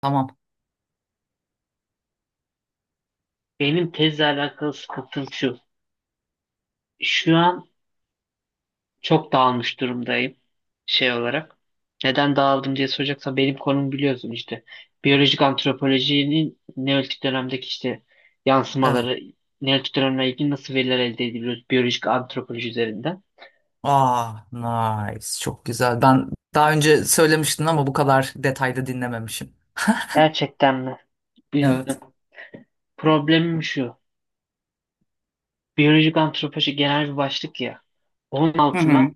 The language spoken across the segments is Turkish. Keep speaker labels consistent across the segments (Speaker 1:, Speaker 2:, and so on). Speaker 1: Tamam.
Speaker 2: Benim tezle alakalı sıkıntım şu. Şu an çok dağılmış durumdayım şey olarak. Neden dağıldım diye soracaksan benim konum biliyorsun işte. Biyolojik antropolojinin Neolitik dönemdeki işte
Speaker 1: Evet.
Speaker 2: yansımaları, Neolitik dönemle ilgili nasıl veriler elde ediliyoruz biyolojik antropoloji üzerinden.
Speaker 1: Aa, nice. Çok güzel. Ben daha önce söylemiştin ama bu kadar detayda dinlememişim.
Speaker 2: Gerçekten mi? Biz,
Speaker 1: Evet.
Speaker 2: Problemim şu. Biyolojik antropoloji genel bir başlık ya. Onun
Speaker 1: Hı
Speaker 2: altına
Speaker 1: hı.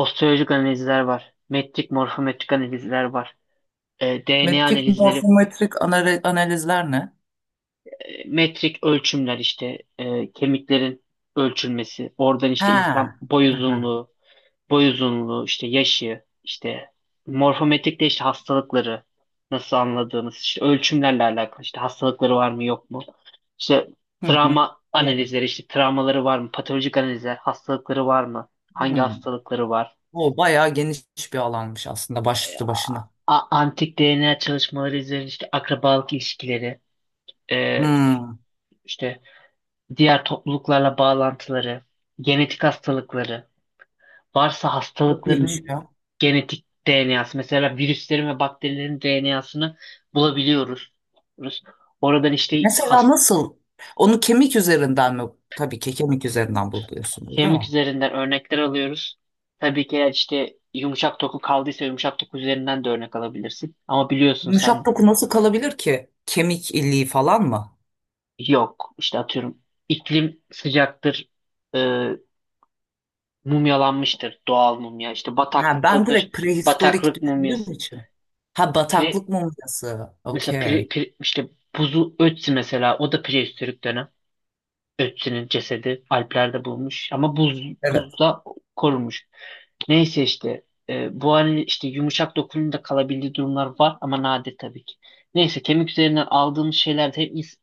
Speaker 2: osteolojik analizler var. Metrik, morfometrik analizler var. DNA
Speaker 1: Metrik,
Speaker 2: analizleri
Speaker 1: morfometrik analizler ne?
Speaker 2: metrik ölçümler işte kemiklerin ölçülmesi. Oradan işte insan
Speaker 1: Ha.
Speaker 2: boy
Speaker 1: Aha.
Speaker 2: uzunluğu, işte yaşı, işte morfometrik de işte hastalıkları nasıl anladığımız, işte ölçümlerle alakalı işte hastalıkları var mı yok mu? İşte
Speaker 1: Hı hı.
Speaker 2: travma
Speaker 1: Anladım.
Speaker 2: analizleri, işte travmaları var mı? Patolojik analizler, hastalıkları var mı? Hangi
Speaker 1: Hı.
Speaker 2: hastalıkları var?
Speaker 1: O bayağı geniş bir alanmış aslında başlı başına.
Speaker 2: Antik DNA çalışmaları üzerine işte akrabalık ilişkileri, e,
Speaker 1: Hı.
Speaker 2: işte diğer topluluklarla bağlantıları, genetik hastalıkları, varsa
Speaker 1: Çok iyiymiş
Speaker 2: hastalıkların
Speaker 1: ya.
Speaker 2: genetik DNA'sı, mesela virüslerin ve bakterilerin DNA'sını bulabiliyoruz. Oradan işte
Speaker 1: Mesela nasıl? Onu kemik üzerinden mi? Tabii ki kemik üzerinden buluyorsunuz, değil mi?
Speaker 2: kemik üzerinden örnekler alıyoruz. Tabii ki eğer işte yumuşak doku kaldıysa yumuşak doku üzerinden de örnek alabilirsin. Ama biliyorsun sen
Speaker 1: Yumuşak doku nasıl kalabilir ki? Kemik iliği falan mı?
Speaker 2: yok işte atıyorum iklim sıcaktır, e, mumyalanmıştır doğal mumya. İşte
Speaker 1: Ha, ben
Speaker 2: bataklıktadır,
Speaker 1: direkt prehistorik
Speaker 2: bataklık
Speaker 1: düşündüğüm
Speaker 2: mumyası.
Speaker 1: için. Ha,
Speaker 2: Pire-
Speaker 1: bataklık mumyası.
Speaker 2: Mesela
Speaker 1: Okey.
Speaker 2: işte buzu Ötzi mesela o da prehistorik dönem. Ötzi'nin cesedi Alplerde bulunmuş ama
Speaker 1: Evet.
Speaker 2: buzda korunmuş. Neyse işte bu halde işte yumuşak dokunumda kalabildiği durumlar var ama nadir tabii ki. Neyse kemik üzerinden aldığımız şeylerde hem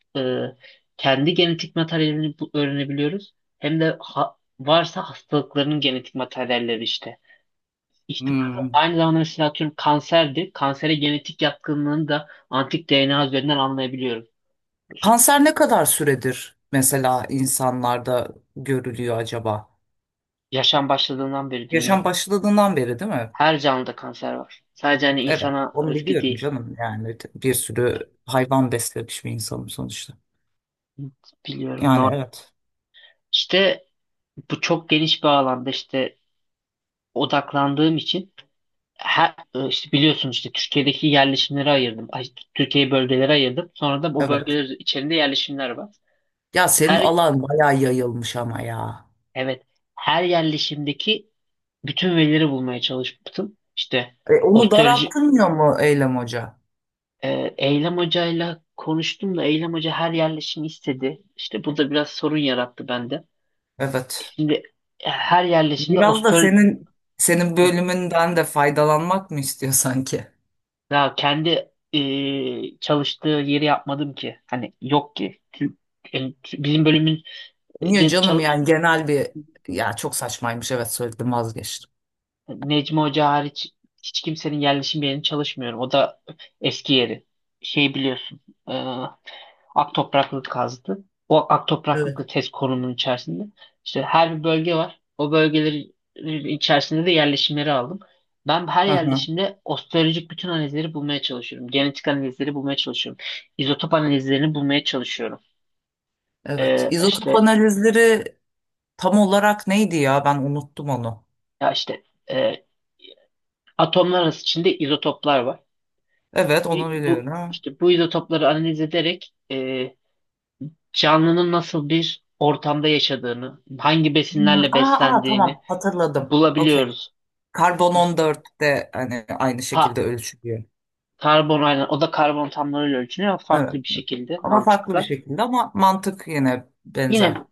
Speaker 2: e, kendi genetik materyalini öğrenebiliyoruz hem de varsa hastalıkların genetik materyalleri işte ihtimali.
Speaker 1: Hmm.
Speaker 2: Aynı zamanda mesela atıyorum kanserdi. Kansere genetik yatkınlığını da antik DNA üzerinden anlayabiliyoruz.
Speaker 1: Kanser ne kadar süredir mesela insanlarda görülüyor acaba?
Speaker 2: Yaşam başladığından beri
Speaker 1: Yaşam
Speaker 2: dünyada.
Speaker 1: başladığından beri değil mi?
Speaker 2: Her canlıda kanser var. Sadece hani
Speaker 1: Evet.
Speaker 2: insana
Speaker 1: Onu
Speaker 2: özgü
Speaker 1: biliyorum
Speaker 2: değil.
Speaker 1: canım. Yani bir sürü hayvan beslemiş bir insanım sonuçta.
Speaker 2: Biliyorum.
Speaker 1: Yani
Speaker 2: Normal.
Speaker 1: evet.
Speaker 2: İşte bu çok geniş bir alanda işte odaklandığım için işte biliyorsun işte Türkiye'deki yerleşimleri ayırdım. Ay, Türkiye'yi bölgelere ayırdım. Sonra da o
Speaker 1: Evet.
Speaker 2: bölgeler içerisinde yerleşimler var.
Speaker 1: Ya, senin
Speaker 2: Her
Speaker 1: alan bayağı yayılmış ama ya.
Speaker 2: evet, her yerleşimdeki bütün verileri bulmaya çalıştım. İşte
Speaker 1: E, onu
Speaker 2: osteoloji
Speaker 1: daraltılmıyor mu Eylem Hoca?
Speaker 2: Eylem Hoca'yla konuştum da Eylem Hoca her yerleşimi istedi. İşte bu da biraz sorun yarattı bende.
Speaker 1: Evet.
Speaker 2: Şimdi her yerleşimde
Speaker 1: Biraz da senin bölümünden de faydalanmak mı istiyor sanki?
Speaker 2: ya kendi çalıştığı yeri yapmadım ki. Hani yok ki. Yani Bizim bölümün
Speaker 1: Niye
Speaker 2: de
Speaker 1: canım,
Speaker 2: çalış
Speaker 1: yani genel bir ya, çok saçmaymış, evet söyledim, vazgeçtim.
Speaker 2: Necmi Hoca hariç hiç kimsenin yerleşim yerini çalışmıyorum. O da eski yeri. Şey biliyorsun. e, Ak topraklık kazdı. O ak topraklıkla
Speaker 1: Evet.
Speaker 2: test konumunun içerisinde işte her bir bölge var. O bölgelerin içerisinde de yerleşimleri aldım. Ben her
Speaker 1: Hı hı.
Speaker 2: yerleşimde osteolojik bütün analizleri bulmaya çalışıyorum. Genetik analizleri bulmaya çalışıyorum. İzotop analizlerini bulmaya çalışıyorum.
Speaker 1: Evet. İzotop
Speaker 2: İşte
Speaker 1: analizleri tam olarak neydi ya? Ben unuttum onu.
Speaker 2: ya işte e, atomlar arası içinde izotoplar var.
Speaker 1: Evet, onu biliyorum.
Speaker 2: Bu
Speaker 1: Ha.
Speaker 2: işte bu izotopları analiz ederek canlının nasıl bir ortamda yaşadığını, hangi
Speaker 1: Hmm.
Speaker 2: besinlerle
Speaker 1: Aa, aa,
Speaker 2: beslendiğini
Speaker 1: tamam hatırladım. Okey.
Speaker 2: bulabiliyoruz.
Speaker 1: Karbon 14'te hani aynı şekilde
Speaker 2: Ta-
Speaker 1: ölçülüyor.
Speaker 2: Karbon aynen o da karbon atomlarıyla ölçülüyor ama
Speaker 1: Evet.
Speaker 2: farklı bir şekilde
Speaker 1: Ama farklı bir
Speaker 2: mantıkla.
Speaker 1: şekilde, ama mantık yine
Speaker 2: Yine
Speaker 1: benzer.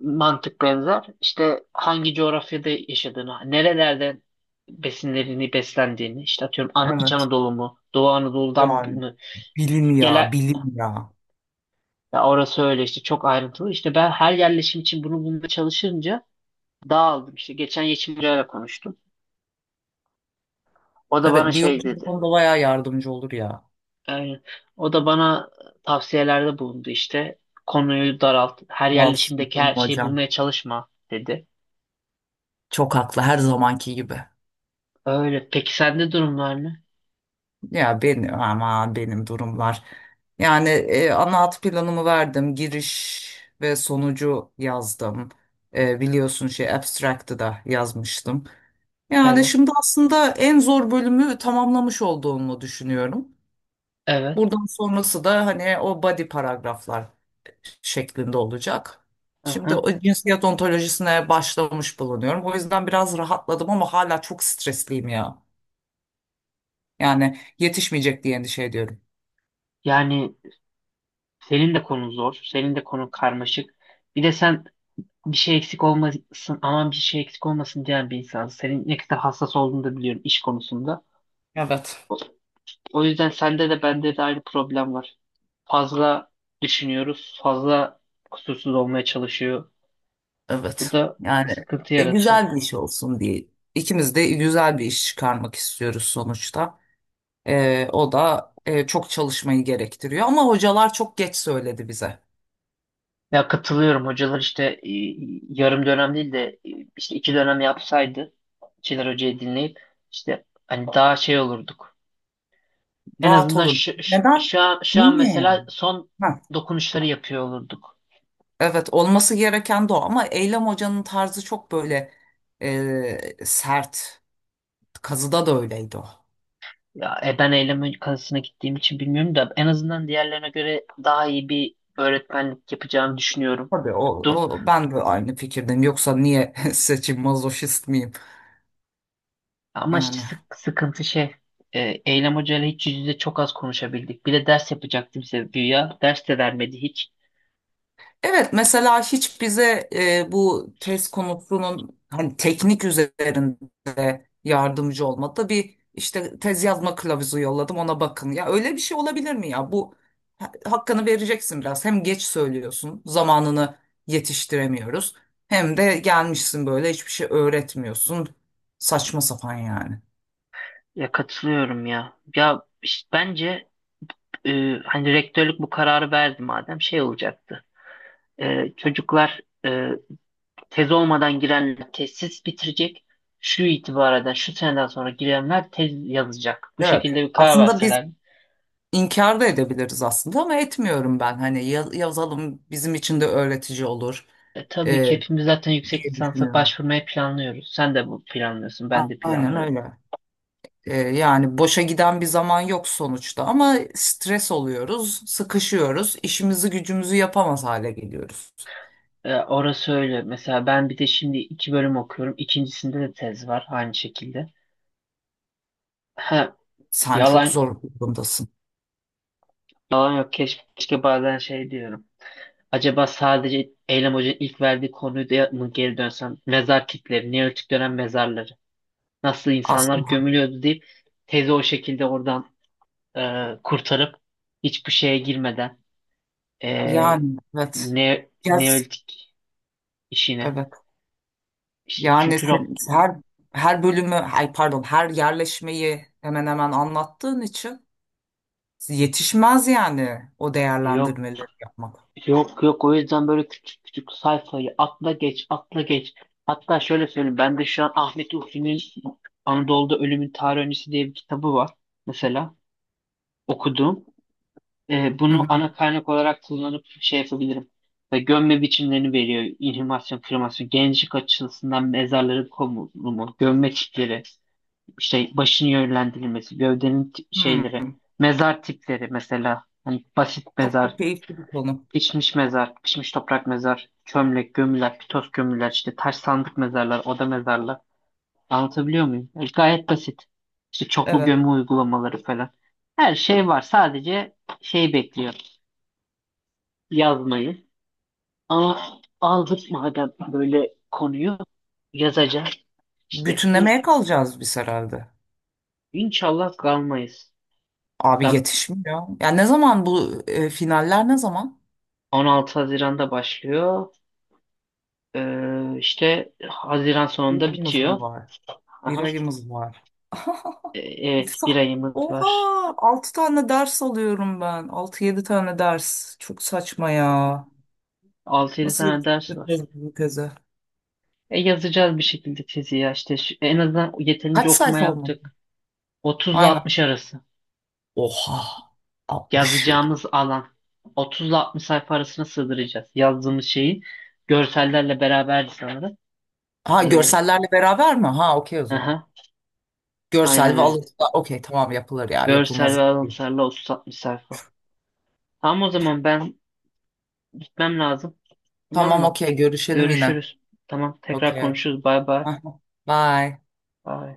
Speaker 2: mantık benzer. İşte hangi coğrafyada yaşadığını, nerelerde besinlerini beslendiğini, işte atıyorum İç
Speaker 1: Evet.
Speaker 2: Anadolu mu, Doğu Anadolu'dan
Speaker 1: Yani
Speaker 2: mı
Speaker 1: bilim
Speaker 2: gelen
Speaker 1: ya, bilim ya.
Speaker 2: ya orası öyle işte çok ayrıntılı. İşte ben her yerleşim için bunu bulmaya çalışınca dağıldım. İşte geçen Yeşimcay'la konuştum. O da bana
Speaker 1: Evet, diyor
Speaker 2: şey
Speaker 1: hocam, bu
Speaker 2: dedi.
Speaker 1: konuda bayağı yardımcı olur ya.
Speaker 2: Aynen. O da bana tavsiyelerde bulundu işte. Konuyu daralt, her
Speaker 1: Sağ olsun
Speaker 2: yerleşimdeki
Speaker 1: canım
Speaker 2: her şeyi
Speaker 1: hocam.
Speaker 2: bulmaya çalışma dedi.
Speaker 1: Çok haklı her zamanki gibi.
Speaker 2: Öyle. Peki sende durumlar ne?
Speaker 1: Ya benim, ama benim durumlar. Yani ana hat planımı verdim. Giriş ve sonucu yazdım. Biliyorsun şey abstract'ı da yazmıştım. Yani
Speaker 2: Evet,
Speaker 1: şimdi aslında en zor bölümü tamamlamış olduğumu düşünüyorum.
Speaker 2: evet.
Speaker 1: Buradan sonrası da hani o body paragraflar şeklinde olacak. Şimdi
Speaker 2: Aha.
Speaker 1: o cinsiyet ontolojisine başlamış bulunuyorum. O yüzden biraz rahatladım ama hala çok stresliyim ya. Yani yetişmeyecek diye endişe ediyorum.
Speaker 2: Yani senin de konun zor, senin de konun karmaşık. Bir de sen bir şey eksik olmasın, aman bir şey eksik olmasın diyen bir insansın. Senin ne kadar hassas olduğunu da biliyorum iş konusunda.
Speaker 1: Evet.
Speaker 2: O, O yüzden sende de bende de aynı problem var. Fazla düşünüyoruz, fazla kusursuz olmaya çalışıyor. Bu
Speaker 1: Evet.
Speaker 2: da
Speaker 1: Yani,
Speaker 2: sıkıntı yaratıyor.
Speaker 1: güzel bir iş olsun diye. İkimiz de güzel bir iş çıkarmak istiyoruz sonuçta. O da, çok çalışmayı gerektiriyor. Ama hocalar çok geç söyledi bize.
Speaker 2: Ya katılıyorum hocalar işte yarım dönem değil de işte 2 dönem yapsaydı Çınar Hoca'yı dinleyip işte hani daha şey olurduk. En
Speaker 1: Rahat
Speaker 2: azından
Speaker 1: olur. Neden?
Speaker 2: şu an
Speaker 1: Niye yani?
Speaker 2: mesela son
Speaker 1: Ha,
Speaker 2: dokunuşları yapıyor olurduk.
Speaker 1: evet, olması gereken de o, ama Eylem Hoca'nın tarzı çok böyle, sert. Kazıda da öyleydi o.
Speaker 2: Ya ben Eylem kazasına gittiğim için bilmiyorum da en azından diğerlerine göre daha iyi bir öğretmenlik yapacağımı düşünüyorum.
Speaker 1: Tabii o, ben de aynı fikirdim. Yoksa niye seçim mazoşist miyim?
Speaker 2: Ama işte
Speaker 1: Yani.
Speaker 2: sıkıntı şey. e, Eylem Hoca ile hiç yüz yüze çok az konuşabildik. Bir de ders yapacaktım bize güya. Ders de vermedi hiç.
Speaker 1: Evet, mesela hiç bize, bu tez konusunun hani teknik üzerinde yardımcı olmadı. Bir işte tez yazma kılavuzu yolladım ona, bakın. Ya öyle bir şey olabilir mi ya? Bu hakkını vereceksin biraz. Hem geç söylüyorsun, zamanını yetiştiremiyoruz. Hem de gelmişsin böyle hiçbir şey öğretmiyorsun. Saçma sapan yani.
Speaker 2: Ya katılıyorum ya. Ya işte bence e, hani rektörlük bu kararı verdi madem şey olacaktı. Çocuklar tez olmadan girenler tezsiz bitirecek. Şu itibareden şu seneden sonra girenler tez yazacak. Bu
Speaker 1: Evet.
Speaker 2: şekilde bir karar
Speaker 1: Aslında biz
Speaker 2: verseler.
Speaker 1: İnkar da edebiliriz aslında, ama etmiyorum ben. Hani yazalım, bizim için de öğretici olur,
Speaker 2: Tabii
Speaker 1: e,
Speaker 2: ki hepimiz zaten yüksek
Speaker 1: diye
Speaker 2: lisansa
Speaker 1: düşünüyorum.
Speaker 2: başvurmayı planlıyoruz. Sen de bu planlıyorsun, ben de
Speaker 1: Aynen
Speaker 2: planlıyorum.
Speaker 1: öyle. Yani boşa giden bir zaman yok sonuçta, ama stres oluyoruz, sıkışıyoruz, işimizi gücümüzü yapamaz hale geliyoruz.
Speaker 2: Orası öyle. Mesela ben bir de şimdi 2 bölüm okuyorum. İkincisinde de tez var aynı şekilde. Ha,
Speaker 1: Sen çok
Speaker 2: yalan
Speaker 1: zor bir durumdasın
Speaker 2: yalan yok. Keşke, bazen şey diyorum. Acaba sadece Eylem Hoca'nın ilk verdiği konuyu da mı geri dönsem? Mezar kitleri, Neolitik dönem mezarları. Nasıl insanlar
Speaker 1: aslında.
Speaker 2: gömülüyordu deyip tezi o şekilde oradan kurtarıp hiçbir şeye girmeden e,
Speaker 1: Yani evet. Yes,
Speaker 2: Neolitik işine.
Speaker 1: evet.
Speaker 2: İşte
Speaker 1: Yani
Speaker 2: çünkü Rob,
Speaker 1: sen, her bölümü, ay pardon, her yerleşmeyi hemen hemen anlattığın için. Yetişmez yani o
Speaker 2: yok
Speaker 1: değerlendirmeleri yapmak.
Speaker 2: Yok yok, o yüzden böyle küçük küçük sayfayı atla geç atla geç. Hatta şöyle söyleyeyim ben de şu an Ahmet Urfi'nin Anadolu'da Ölümün Tarih Öncesi diye bir kitabı var mesela okudum.
Speaker 1: Hı
Speaker 2: Bunu
Speaker 1: hı.
Speaker 2: ana kaynak olarak kullanıp şey yapabilirim. Ve gömme biçimlerini veriyor. İnhumasyon, kremasyon, gençlik açısından mezarların konulumu, gömme tipleri, işte başın yönlendirilmesi, gövdenin
Speaker 1: Hı.
Speaker 2: şeyleri, mezar tipleri mesela. Hani basit
Speaker 1: Çok da
Speaker 2: mezar,
Speaker 1: keyifli bir konu.
Speaker 2: pişmiş mezar, pişmiş toprak mezar, çömlek, gömüler, pitoz gömüler, işte taş sandık mezarlar, oda mezarlar. Anlatabiliyor muyum? Gayet basit. İşte çoklu
Speaker 1: Evet.
Speaker 2: gömü uygulamaları falan. Her şey var. Sadece şey bekliyor. Yazmayı. Ama aldık madem böyle konuyu yazacağız. İşte
Speaker 1: Bütünlemeye kalacağız biz herhalde.
Speaker 2: inşallah kalmayız.
Speaker 1: Abi
Speaker 2: Da
Speaker 1: yetişmiyor. Ya ne zaman bu, finaller ne zaman?
Speaker 2: 16 Haziran'da başlıyor. İşte Haziran
Speaker 1: Bir
Speaker 2: sonunda
Speaker 1: ayımız mı
Speaker 2: bitiyor.
Speaker 1: var? Bir
Speaker 2: Aha.
Speaker 1: ayımız var.
Speaker 2: Evet, bir ayımız var.
Speaker 1: Oha! Altı tane ders alıyorum ben. Altı yedi tane ders. Çok saçma ya.
Speaker 2: 6-7
Speaker 1: Nasıl
Speaker 2: tane ders var.
Speaker 1: yetiştireceğiz bu teze?
Speaker 2: Yazacağız bir şekilde tezi ya işte en azından yeterince
Speaker 1: Kaç
Speaker 2: okuma
Speaker 1: sayfa olmalı?
Speaker 2: yaptık. 30 ile
Speaker 1: Aynen.
Speaker 2: 60 arası
Speaker 1: Oha! 60.
Speaker 2: yazacağımız alan 30 ile 60 sayfa arasına sığdıracağız. Yazdığımız şeyi görsellerle beraberdi sanırım.
Speaker 1: Ha,
Speaker 2: Ee,
Speaker 1: görsellerle beraber mi? Ha okey, o zaman.
Speaker 2: aha, aynen
Speaker 1: Görsel ve
Speaker 2: öyle.
Speaker 1: alıntılar da okey, tamam, yapılır ya,
Speaker 2: Görsel ve
Speaker 1: yapılmaz değil.
Speaker 2: alıntılarla 30-60 sayfa. Tamam o zaman ben gitmem lazım. Tamam
Speaker 1: Tamam
Speaker 2: mı?
Speaker 1: okey, görüşelim yine.
Speaker 2: Görüşürüz. Tamam tekrar
Speaker 1: Okey.
Speaker 2: konuşuruz. Bay bay.
Speaker 1: Bye.
Speaker 2: Bay.